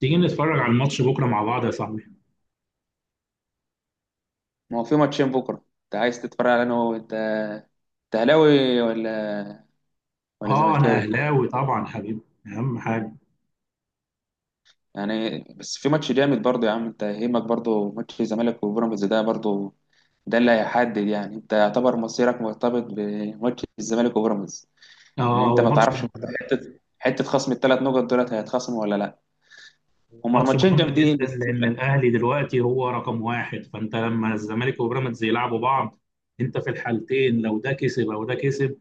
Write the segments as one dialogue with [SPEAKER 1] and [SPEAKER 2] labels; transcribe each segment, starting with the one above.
[SPEAKER 1] تيجي نتفرج على الماتش بكره مع بعض يا صاحبي.
[SPEAKER 2] ما هو في ماتشين بكرة. انت عايز تتفرج على انا هو انت انت اهلاوي ولا
[SPEAKER 1] اه، انا
[SPEAKER 2] زملكاوي؟
[SPEAKER 1] اهلاوي طبعا حبيبي. اهم حاجه
[SPEAKER 2] يعني بس في ماتش جامد برضه يا عم، انت يهمك برضه ماتش الزمالك وبيراميدز ده برضه، ده اللي هيحدد. يعني انت يعتبر مصيرك مرتبط بماتش الزمالك وبيراميدز، ان
[SPEAKER 1] اه
[SPEAKER 2] انت
[SPEAKER 1] هو
[SPEAKER 2] ما
[SPEAKER 1] ماتش.
[SPEAKER 2] تعرفش
[SPEAKER 1] هو
[SPEAKER 2] حته حته خصم الثلاث نقط دولت هيتخصموا ولا لا. هما
[SPEAKER 1] ماتش
[SPEAKER 2] الماتشين
[SPEAKER 1] مهم
[SPEAKER 2] جامدين
[SPEAKER 1] جدا
[SPEAKER 2] بس.
[SPEAKER 1] لان الاهلي دلوقتي هو رقم واحد، فانت لما الزمالك وبيراميدز يلعبوا بعض، انت في الحالتين لو ده كسب او ده كسب.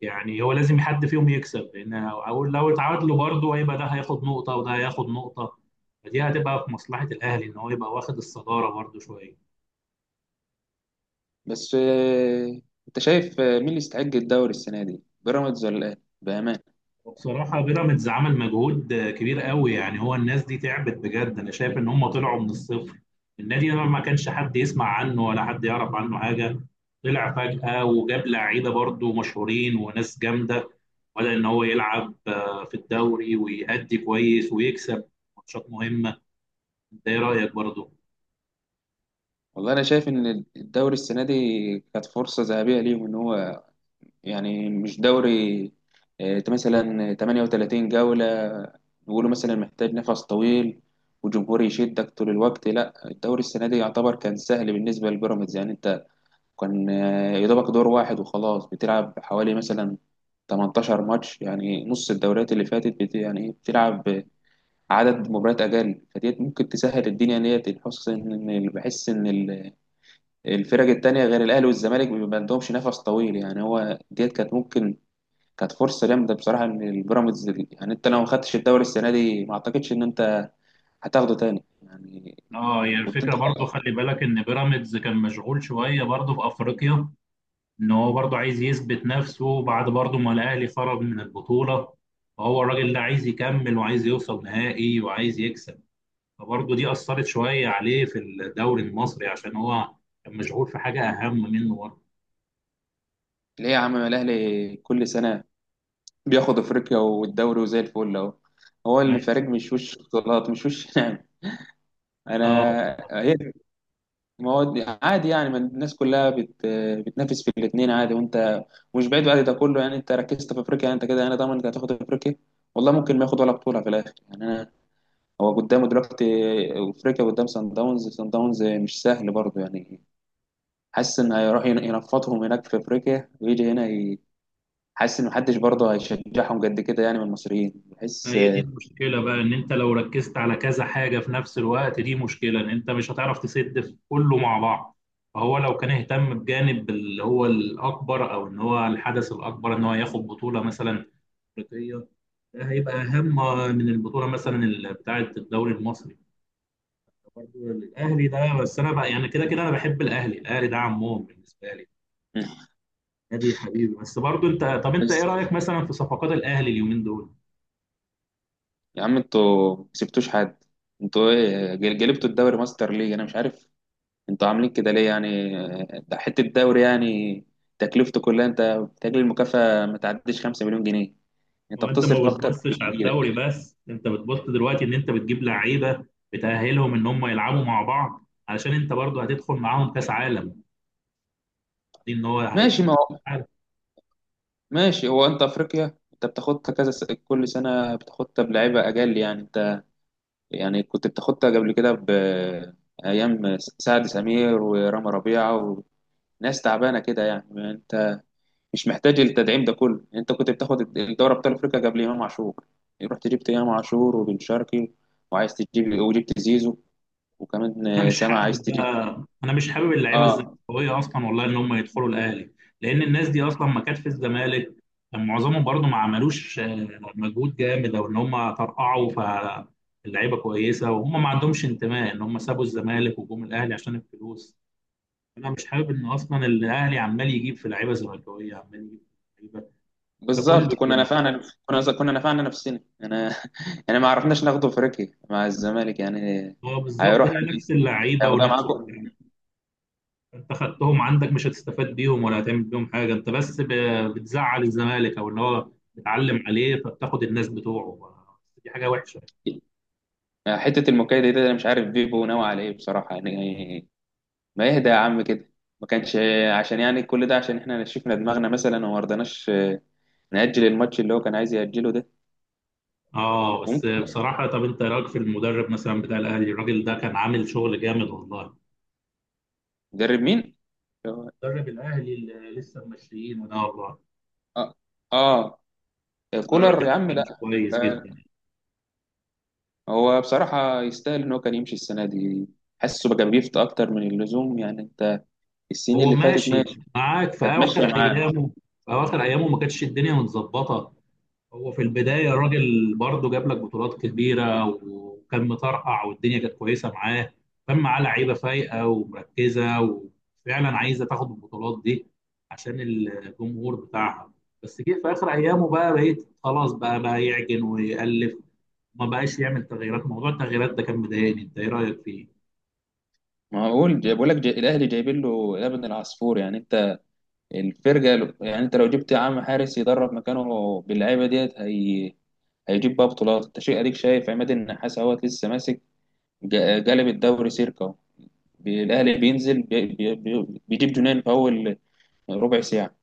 [SPEAKER 1] يعني هو لازم حد فيهم يكسب، لان لو اتعادلوا برضه هيبقى ده هياخد نقطه وده هياخد نقطه، فدي هتبقى في مصلحه الاهلي ان هو يبقى واخد الصداره برضه شويه.
[SPEAKER 2] بس اه، انت شايف، مين اللي يستحق الدوري السنه دي، بيراميدز ولا ايه بامانه؟
[SPEAKER 1] بصراحة بيراميدز عمل مجهود كبير قوي، يعني هو الناس دي تعبت بجد. أنا شايف إن هم طلعوا من الصفر، النادي ده ما كانش حد يسمع عنه ولا حد يعرف عنه حاجة. طلع فجأة وجاب لعيبة برضو مشهورين وناس جامدة، بدأ إن هو يلعب في الدوري ويأدي كويس ويكسب ماتشات مهمة. أنت إيه رأيك برضو؟
[SPEAKER 2] والله انا شايف ان الدوري السنه دي كانت فرصه ذهبيه ليهم ان هو، يعني مش دوري مثلا 38 جوله نقوله مثلا محتاج نفس طويل وجمهور يشدك طول الوقت. لا الدوري السنه دي يعتبر كان سهل بالنسبه للبيراميدز، يعني انت كان يا دوبك دور واحد وخلاص، بتلعب حوالي مثلا 18 ماتش، يعني نص الدوريات اللي فاتت بت يعني بتلعب عدد مباريات اقل. فديت ممكن تسهل الدنيا، ديت بحس ان الفرق التانية غير الأهلي والزمالك ما عندهمش نفس طويل، يعني هو ديت كانت ممكن، كانت فرصة جامدة بصراحة إن البيراميدز، يعني أنت لو ما خدتش الدوري السنة دي ما أعتقدش إن أنت هتاخده تاني يعني.
[SPEAKER 1] اه، هي
[SPEAKER 2] كنت
[SPEAKER 1] الفكرة
[SPEAKER 2] أنت
[SPEAKER 1] برضو،
[SPEAKER 2] خلاص.
[SPEAKER 1] خلي بالك إن بيراميدز كان مشغول شوية برضو في أفريقيا، ان هو برضه عايز يثبت نفسه بعد برضه ما الاهلي خرج من البطوله، فهو الراجل ده عايز يكمل وعايز يوصل نهائي وعايز يكسب، فبرضه دي اثرت شويه عليه في الدوري المصري عشان هو كان مشغول في حاجه اهم منه برضه.
[SPEAKER 2] ليه يا عم الأهلي كل سنة بياخد أفريقيا والدوري وزي الفل أهو؟ هو
[SPEAKER 1] بس
[SPEAKER 2] الفريق مش وش بطولات، مش وش نعم.
[SPEAKER 1] اه،
[SPEAKER 2] أنا هي، ما هو عادي يعني، ما الناس كلها بتنافس في الاثنين عادي. وانت مش بعيد بعد ده كله يعني، انت ركزت في افريقيا، يعني انت كده يعني ضامن انت هتاخد افريقيا؟ والله ممكن ما ياخد ولا بطوله في الاخر يعني. انا هو قدامه دلوقتي افريقيا، قدام سان داونز، سان داونز مش سهل برضه يعني. حاسس ان هيروح ينفضهم هناك في افريقيا ويجي هنا حاسس ان محدش برضه هيشجعهم قد كده يعني من المصريين، بحس.
[SPEAKER 1] هي دي المشكله بقى، ان انت لو ركزت على كذا حاجه في نفس الوقت دي مشكله، ان انت مش هتعرف تسد في كله مع بعض. فهو لو كان اهتم بجانب اللي هو الاكبر، او ان هو الحدث الاكبر ان هو ياخد بطوله مثلا الأفريقية، ده هيبقى أهم من البطولة مثلا بتاعة الدوري المصري برضه. الأهلي ده بس أنا بقى يعني كده كده أنا بحب الأهلي، الأهلي ده عمهم بالنسبة لي، نادي حبيبي. بس برضه أنت طب أنت إيه
[SPEAKER 2] بس
[SPEAKER 1] رأيك مثلا في صفقات الأهلي اليومين دول؟
[SPEAKER 2] يا عم انتوا ما كسبتوش حد. انتوا ايه جلبتوا الدوري ماستر ليج؟ انا مش عارف انتوا عاملين كده ليه يعني. ده حتة دوري يعني، تكلفته كلها، انت بتجري، المكافأة ما تعديش 5 مليون جنيه،
[SPEAKER 1] ما
[SPEAKER 2] انت
[SPEAKER 1] هو أنت ما
[SPEAKER 2] بتصرف اكتر من
[SPEAKER 1] بتبصش على
[SPEAKER 2] اللي
[SPEAKER 1] الدوري
[SPEAKER 2] بيجيلك.
[SPEAKER 1] بس، أنت بتبص دلوقتي إن أنت بتجيب لعيبة بتأهلهم إن هم يلعبوا مع بعض علشان أنت برضه هتدخل معاهم كأس عالم دي، إن هو
[SPEAKER 2] ماشي،
[SPEAKER 1] هيدخل.
[SPEAKER 2] ما هو ماشي. هو انت افريقيا انت بتاخدها كل سنة بتاخدها بلعيبة اجل يعني، انت يعني كنت بتاخدها قبل كده ب ايام سعد سمير ورامي ربيعة وناس تعبانة كده يعني. انت مش محتاج التدعيم ده كله يعني، انت كنت بتاخد الدوري ابطال افريقيا قبل امام عاشور. رحت جبت امام عاشور وبن شرقي، وعايز تجيب، وجبت زيزو، وكمان
[SPEAKER 1] انا مش
[SPEAKER 2] سامع عايز
[SPEAKER 1] حابب
[SPEAKER 2] تجيب.
[SPEAKER 1] بقى انا مش حابب اللعيبه
[SPEAKER 2] اه
[SPEAKER 1] الزملكاويه اصلا والله ان هم يدخلوا الاهلي، لان الناس دي اصلا ما كانت في الزمالك. كان معظمهم برضو ما عملوش مجهود جامد او ان هم ترقعوا، فاللعيبه كويسه وهم ما عندهمش انتماء، ان هم سابوا الزمالك وجم الاهلي عشان الفلوس. انا مش حابب ان اصلا الاهلي عمال يجيب في لعيبه زملكاويه، عمال يجيب في لعيبه ده كله
[SPEAKER 2] بالظبط، كنا
[SPEAKER 1] يعني.
[SPEAKER 2] نفعنا كنا كنا نفعنا نفسنا انا انا ما عرفناش ناخده افريقيا مع الزمالك يعني.
[SPEAKER 1] اه بالظبط،
[SPEAKER 2] هيروح
[SPEAKER 1] هي نفس اللعيبه
[SPEAKER 2] هياخدها
[SPEAKER 1] ونفس
[SPEAKER 2] معاكم.
[SPEAKER 1] كل. انت خدتهم عندك مش هتستفاد بيهم ولا هتعمل بيهم حاجه، انت بس بتزعل الزمالك او ان هو بتعلم عليه فبتاخد الناس بتوعه. دي حاجه وحشه.
[SPEAKER 2] حته المكايده دي انا مش عارف بيبو ناوي على ايه بصراحه يعني. ما يهدى يا عم كده، ما كانش، عشان يعني كل ده عشان احنا شفنا دماغنا مثلا وما رضناش نأجل الماتش اللي هو كان عايز يأجله ده.
[SPEAKER 1] اه بس
[SPEAKER 2] ممكن،
[SPEAKER 1] بصراحه، طب انت إيه رايك في المدرب مثلا بتاع الاهلي؟ الراجل ده كان عامل شغل جامد والله.
[SPEAKER 2] مدرب مين؟ اه
[SPEAKER 1] مدرب الاهلي اللي لسه ماشيين ده، والله
[SPEAKER 2] اه،
[SPEAKER 1] والله الراجل
[SPEAKER 2] كولر
[SPEAKER 1] ده
[SPEAKER 2] يا عم
[SPEAKER 1] كان
[SPEAKER 2] لا
[SPEAKER 1] كويس
[SPEAKER 2] آه،
[SPEAKER 1] جدا.
[SPEAKER 2] هو بصراحة يستاهل ان هو كان يمشي السنة دي. حاسه بقى بيفت اكتر من اللزوم يعني انت، السنين
[SPEAKER 1] هو
[SPEAKER 2] اللي فاتت
[SPEAKER 1] ماشي
[SPEAKER 2] ماشي،
[SPEAKER 1] معاك في
[SPEAKER 2] كانت
[SPEAKER 1] اخر
[SPEAKER 2] ماشية معاه.
[SPEAKER 1] ايامه، في اخر ايامه ما كانتش الدنيا متظبطه. هو في البداية الراجل برضه جاب لك بطولات كبيرة وكان مطرقع والدنيا كانت كويسة معاه، كان معاه لعيبة فايقة ومركزة وفعلا عايزة تاخد البطولات دي عشان الجمهور بتاعها. بس جه في آخر أيامه بقى، بقيت خلاص بقى، بقى يعجن ويألف، ما بقاش يعمل تغييرات. موضوع التغييرات ده كان مضايقني. انت ايه رأيك فيه؟
[SPEAKER 2] ما هقول، بقول لك الاهلي جايبين له يا ابن العصفور يعني. انت الفرقة يعني انت لو جبت يا عم حارس يدرب مكانه باللعيبة ديت هي، هيجيب بقى بطولات. انت شيء اديك شايف عماد النحاس اهوت لسه ماسك، جلب الدوري سيركا اهو. الاهلي بينزل بيجيب جنان في اول، يعني ربع ساعة،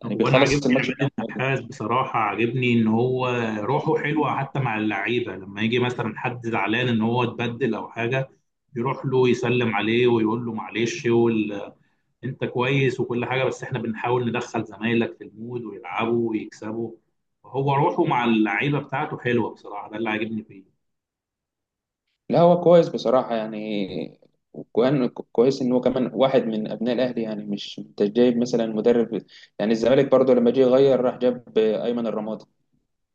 [SPEAKER 2] يعني
[SPEAKER 1] هو انا
[SPEAKER 2] بيخلص
[SPEAKER 1] عاجبني
[SPEAKER 2] الماتش من
[SPEAKER 1] عماد
[SPEAKER 2] أوله.
[SPEAKER 1] النحاس بصراحه، عاجبني ان هو روحه حلوه حتى مع اللعيبه، لما يجي مثلا حد زعلان ان هو اتبدل او حاجه يروح له يسلم عليه ويقول له معلش انت كويس وكل حاجه، بس احنا بنحاول ندخل زمايلك في المود ويلعبوا ويكسبوا. هو روحه مع اللعيبه بتاعته حلوه بصراحه، ده اللي عاجبني فيه.
[SPEAKER 2] لا هو كويس بصراحة يعني، وكمان كويس إن هو كمان واحد من أبناء الأهلي يعني، مش أنت جايب مثلا مدرب. يعني الزمالك برضه لما جه يغير راح جاب أيمن الرمادي،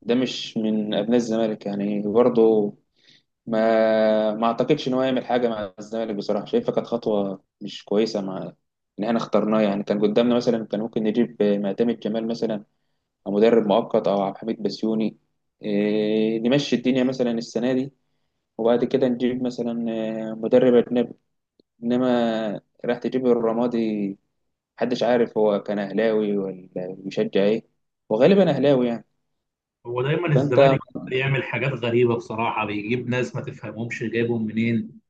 [SPEAKER 2] ده مش من أبناء الزمالك يعني برضه، ما أعتقدش إن هو يعمل حاجة مع الزمالك بصراحة. شايفها كانت خطوة مش كويسة مع إن إحنا اخترناه يعني. كان قدامنا مثلا، كان ممكن نجيب معتمد جمال مثلا مدرب مؤقت او عبد الحميد بسيوني، نمشي الدنيا مثلا السنه دي، وبعد كده نجيب مثلا مدرب اجنبي. انما راح تجيب الرمادي، محدش عارف هو كان اهلاوي ولا بيشجع ايه، وغالبا اهلاوي يعني.
[SPEAKER 1] هو دايما
[SPEAKER 2] فانت،
[SPEAKER 1] الزمالك بيعمل حاجات غريبه بصراحه، بيجيب ناس ما تفهمهمش جايبهم منين،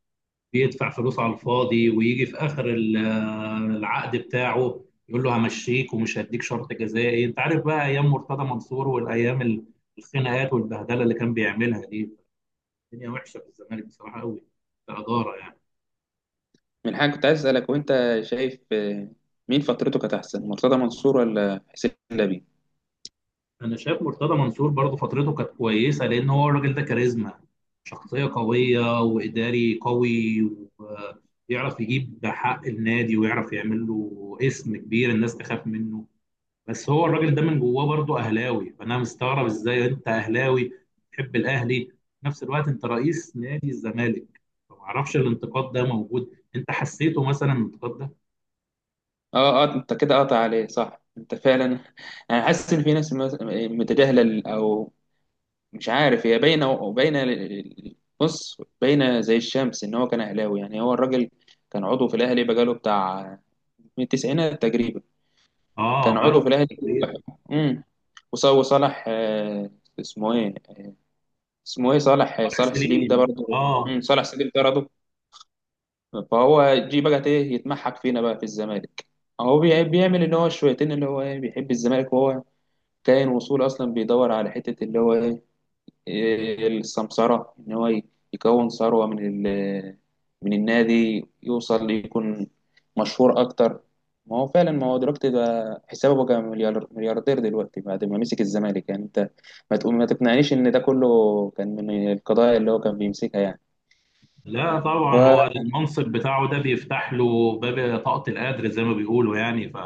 [SPEAKER 1] بيدفع فلوس على الفاضي، ويجي في اخر العقد بتاعه يقول له همشيك ومش هديك شرط جزائي. انت عارف بقى ايام مرتضى منصور والايام الخناقات والبهدله اللي كان بيعملها دي، الدنيا وحشه في الزمالك بصراحه قوي كاداره يعني.
[SPEAKER 2] من حاجه كنت عايز اسالك، وانت شايف مين فترته كانت احسن، مرتضى منصور ولا حسين لبيب؟
[SPEAKER 1] انا شايف مرتضى منصور برضه فترته كانت كويسه، لان هو الراجل ده كاريزما، شخصيه قويه واداري قوي، ويعرف يجيب حق النادي ويعرف يعمل له اسم كبير، الناس تخاف منه. بس هو الراجل ده من جواه برضه اهلاوي، فانا مستغرب ازاي انت اهلاوي بتحب الاهلي في نفس الوقت انت رئيس نادي الزمالك. فمعرفش الانتقاد ده موجود، انت حسيته مثلا الانتقاد ده؟
[SPEAKER 2] اه اه انت كده قاطع عليه صح، انت فعلا انا حاسس ان في ناس متجاهله او مش عارف، هي باينه، بص باينه زي الشمس ان هو كان اهلاوي يعني. هو الراجل كان عضو في الاهلي بقاله بتاع، من التسعينات تقريبا
[SPEAKER 1] اه
[SPEAKER 2] كان
[SPEAKER 1] بقاله
[SPEAKER 2] عضو في
[SPEAKER 1] فترة
[SPEAKER 2] الاهلي.
[SPEAKER 1] كبيرة.
[SPEAKER 2] امم وصالح اسمه ايه، اسمه ايه صالح،
[SPEAKER 1] طارق
[SPEAKER 2] صالح سليم ده
[SPEAKER 1] سليم
[SPEAKER 2] برضه،
[SPEAKER 1] اه.
[SPEAKER 2] صالح سليم ده برضه. فهو جه بقى ايه يتمحك فينا بقى في الزمالك. هو بيعمل ان هو شويتين اللي هو ايه بيحب الزمالك، وهو كائن وصول اصلا، بيدور على حته اللي هو ايه السمسرة، إن هو يكون ثروة من ال، من النادي، يوصل، يكون مشهور أكتر. ما هو فعلا، ما هو دلوقتي بقى حسابه بقى مليار، ملياردير دلوقتي بعد ما مسك الزمالك يعني. أنت ما تقول، ما تقنعنيش إن ده كله كان من القضايا اللي هو كان بيمسكها يعني.
[SPEAKER 1] لا طبعا هو
[SPEAKER 2] ف-
[SPEAKER 1] المنصب بتاعه ده بيفتح له باب طاقة القدر زي ما بيقولوا، يعني ف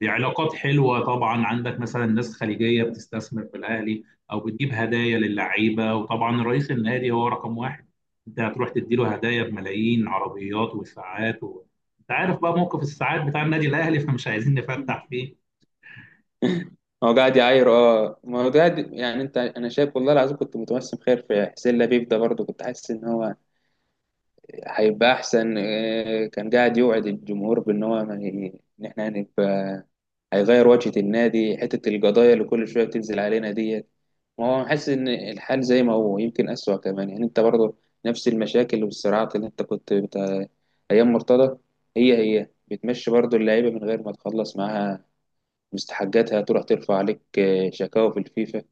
[SPEAKER 1] دي علاقات حلوة طبعا، عندك مثلا ناس خليجية بتستثمر في الأهلي أو بتجيب هدايا للعيبة، وطبعا رئيس النادي هو رقم واحد، أنت هتروح تديله هدايا بملايين، عربيات وساعات أنت عارف بقى موقف الساعات بتاع النادي الأهلي، فمش عايزين نفتح فيه.
[SPEAKER 2] هو قاعد يعاير. اه، ما هو قاعد يعني انت، انا شايف والله العظيم كنت متوسم خير في حسين لبيب ده برضه، كنت حاسس ان هو هيبقى احسن. كان قاعد يوعد الجمهور بان هو ما ي- ان احنا هنبقى، هيغير وجهة النادي، حتة القضايا اللي كل شوية بتنزل علينا ديت. ما هو حاسس ان الحال زي ما هو، يمكن اسوأ كمان يعني انت برضه نفس المشاكل والصراعات اللي انت ايام مرتضى هي هي، بتمشي برضه اللعيبة من غير ما تخلص معاها مستحقاتها، تروح ترفع عليك شكاوى في الفيفا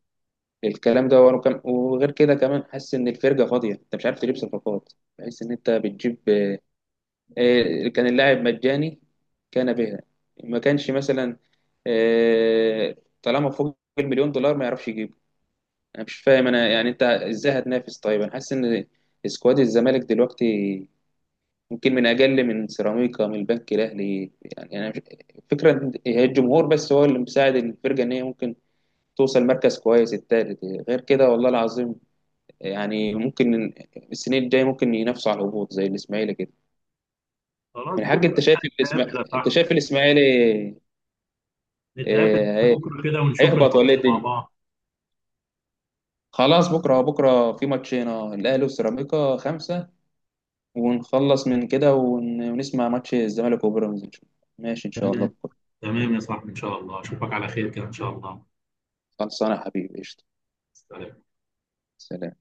[SPEAKER 2] الكلام ده. ورا وغير كده كمان، حاسس ان الفرقة فاضية، انت مش عارف تجيب صفقات، تحس ان انت بتجيب كان اللاعب مجاني كان بها، ما كانش مثلا آه، طالما فوق المليون دولار ما يعرفش يجيبه. انا مش فاهم انا يعني، انت ازاي هتنافس طيب؟ انا حاسس ان سكواد الزمالك دلوقتي ممكن من اجل من سيراميكا، من البنك الاهلي يعني. انا مش... فكره إن هي الجمهور بس هو اللي مساعد الفرقه ان هي ممكن توصل مركز كويس التالت، غير كده والله العظيم يعني ممكن السنين الجايه ممكن ينافسوا على الهبوط زي الاسماعيلي كده.
[SPEAKER 1] خلاص
[SPEAKER 2] من حق،
[SPEAKER 1] بكرة
[SPEAKER 2] انت شايف الاسماعيلي،
[SPEAKER 1] نتقابل يا
[SPEAKER 2] انت
[SPEAKER 1] صاحبي،
[SPEAKER 2] شايف الاسماعيلي
[SPEAKER 1] نتقابل
[SPEAKER 2] إيه...
[SPEAKER 1] بكرة كده ونشوف
[SPEAKER 2] هيهبط ولا ايه
[SPEAKER 1] الماتش مع
[SPEAKER 2] الدنيا؟
[SPEAKER 1] بعض.
[SPEAKER 2] خلاص، بكره في ماتشين، الاهلي وسيراميكا خمسه، ونخلص من كده ونسمع ماتش الزمالك وبيراميدز ان شاء الله. ماشي ان شاء الله
[SPEAKER 1] تمام
[SPEAKER 2] بكره.
[SPEAKER 1] تمام يا صاحبي، إن شاء الله أشوفك على خير كده إن شاء الله.
[SPEAKER 2] خلصانه يا حبيبي، قشطه.
[SPEAKER 1] سلام.
[SPEAKER 2] سلام.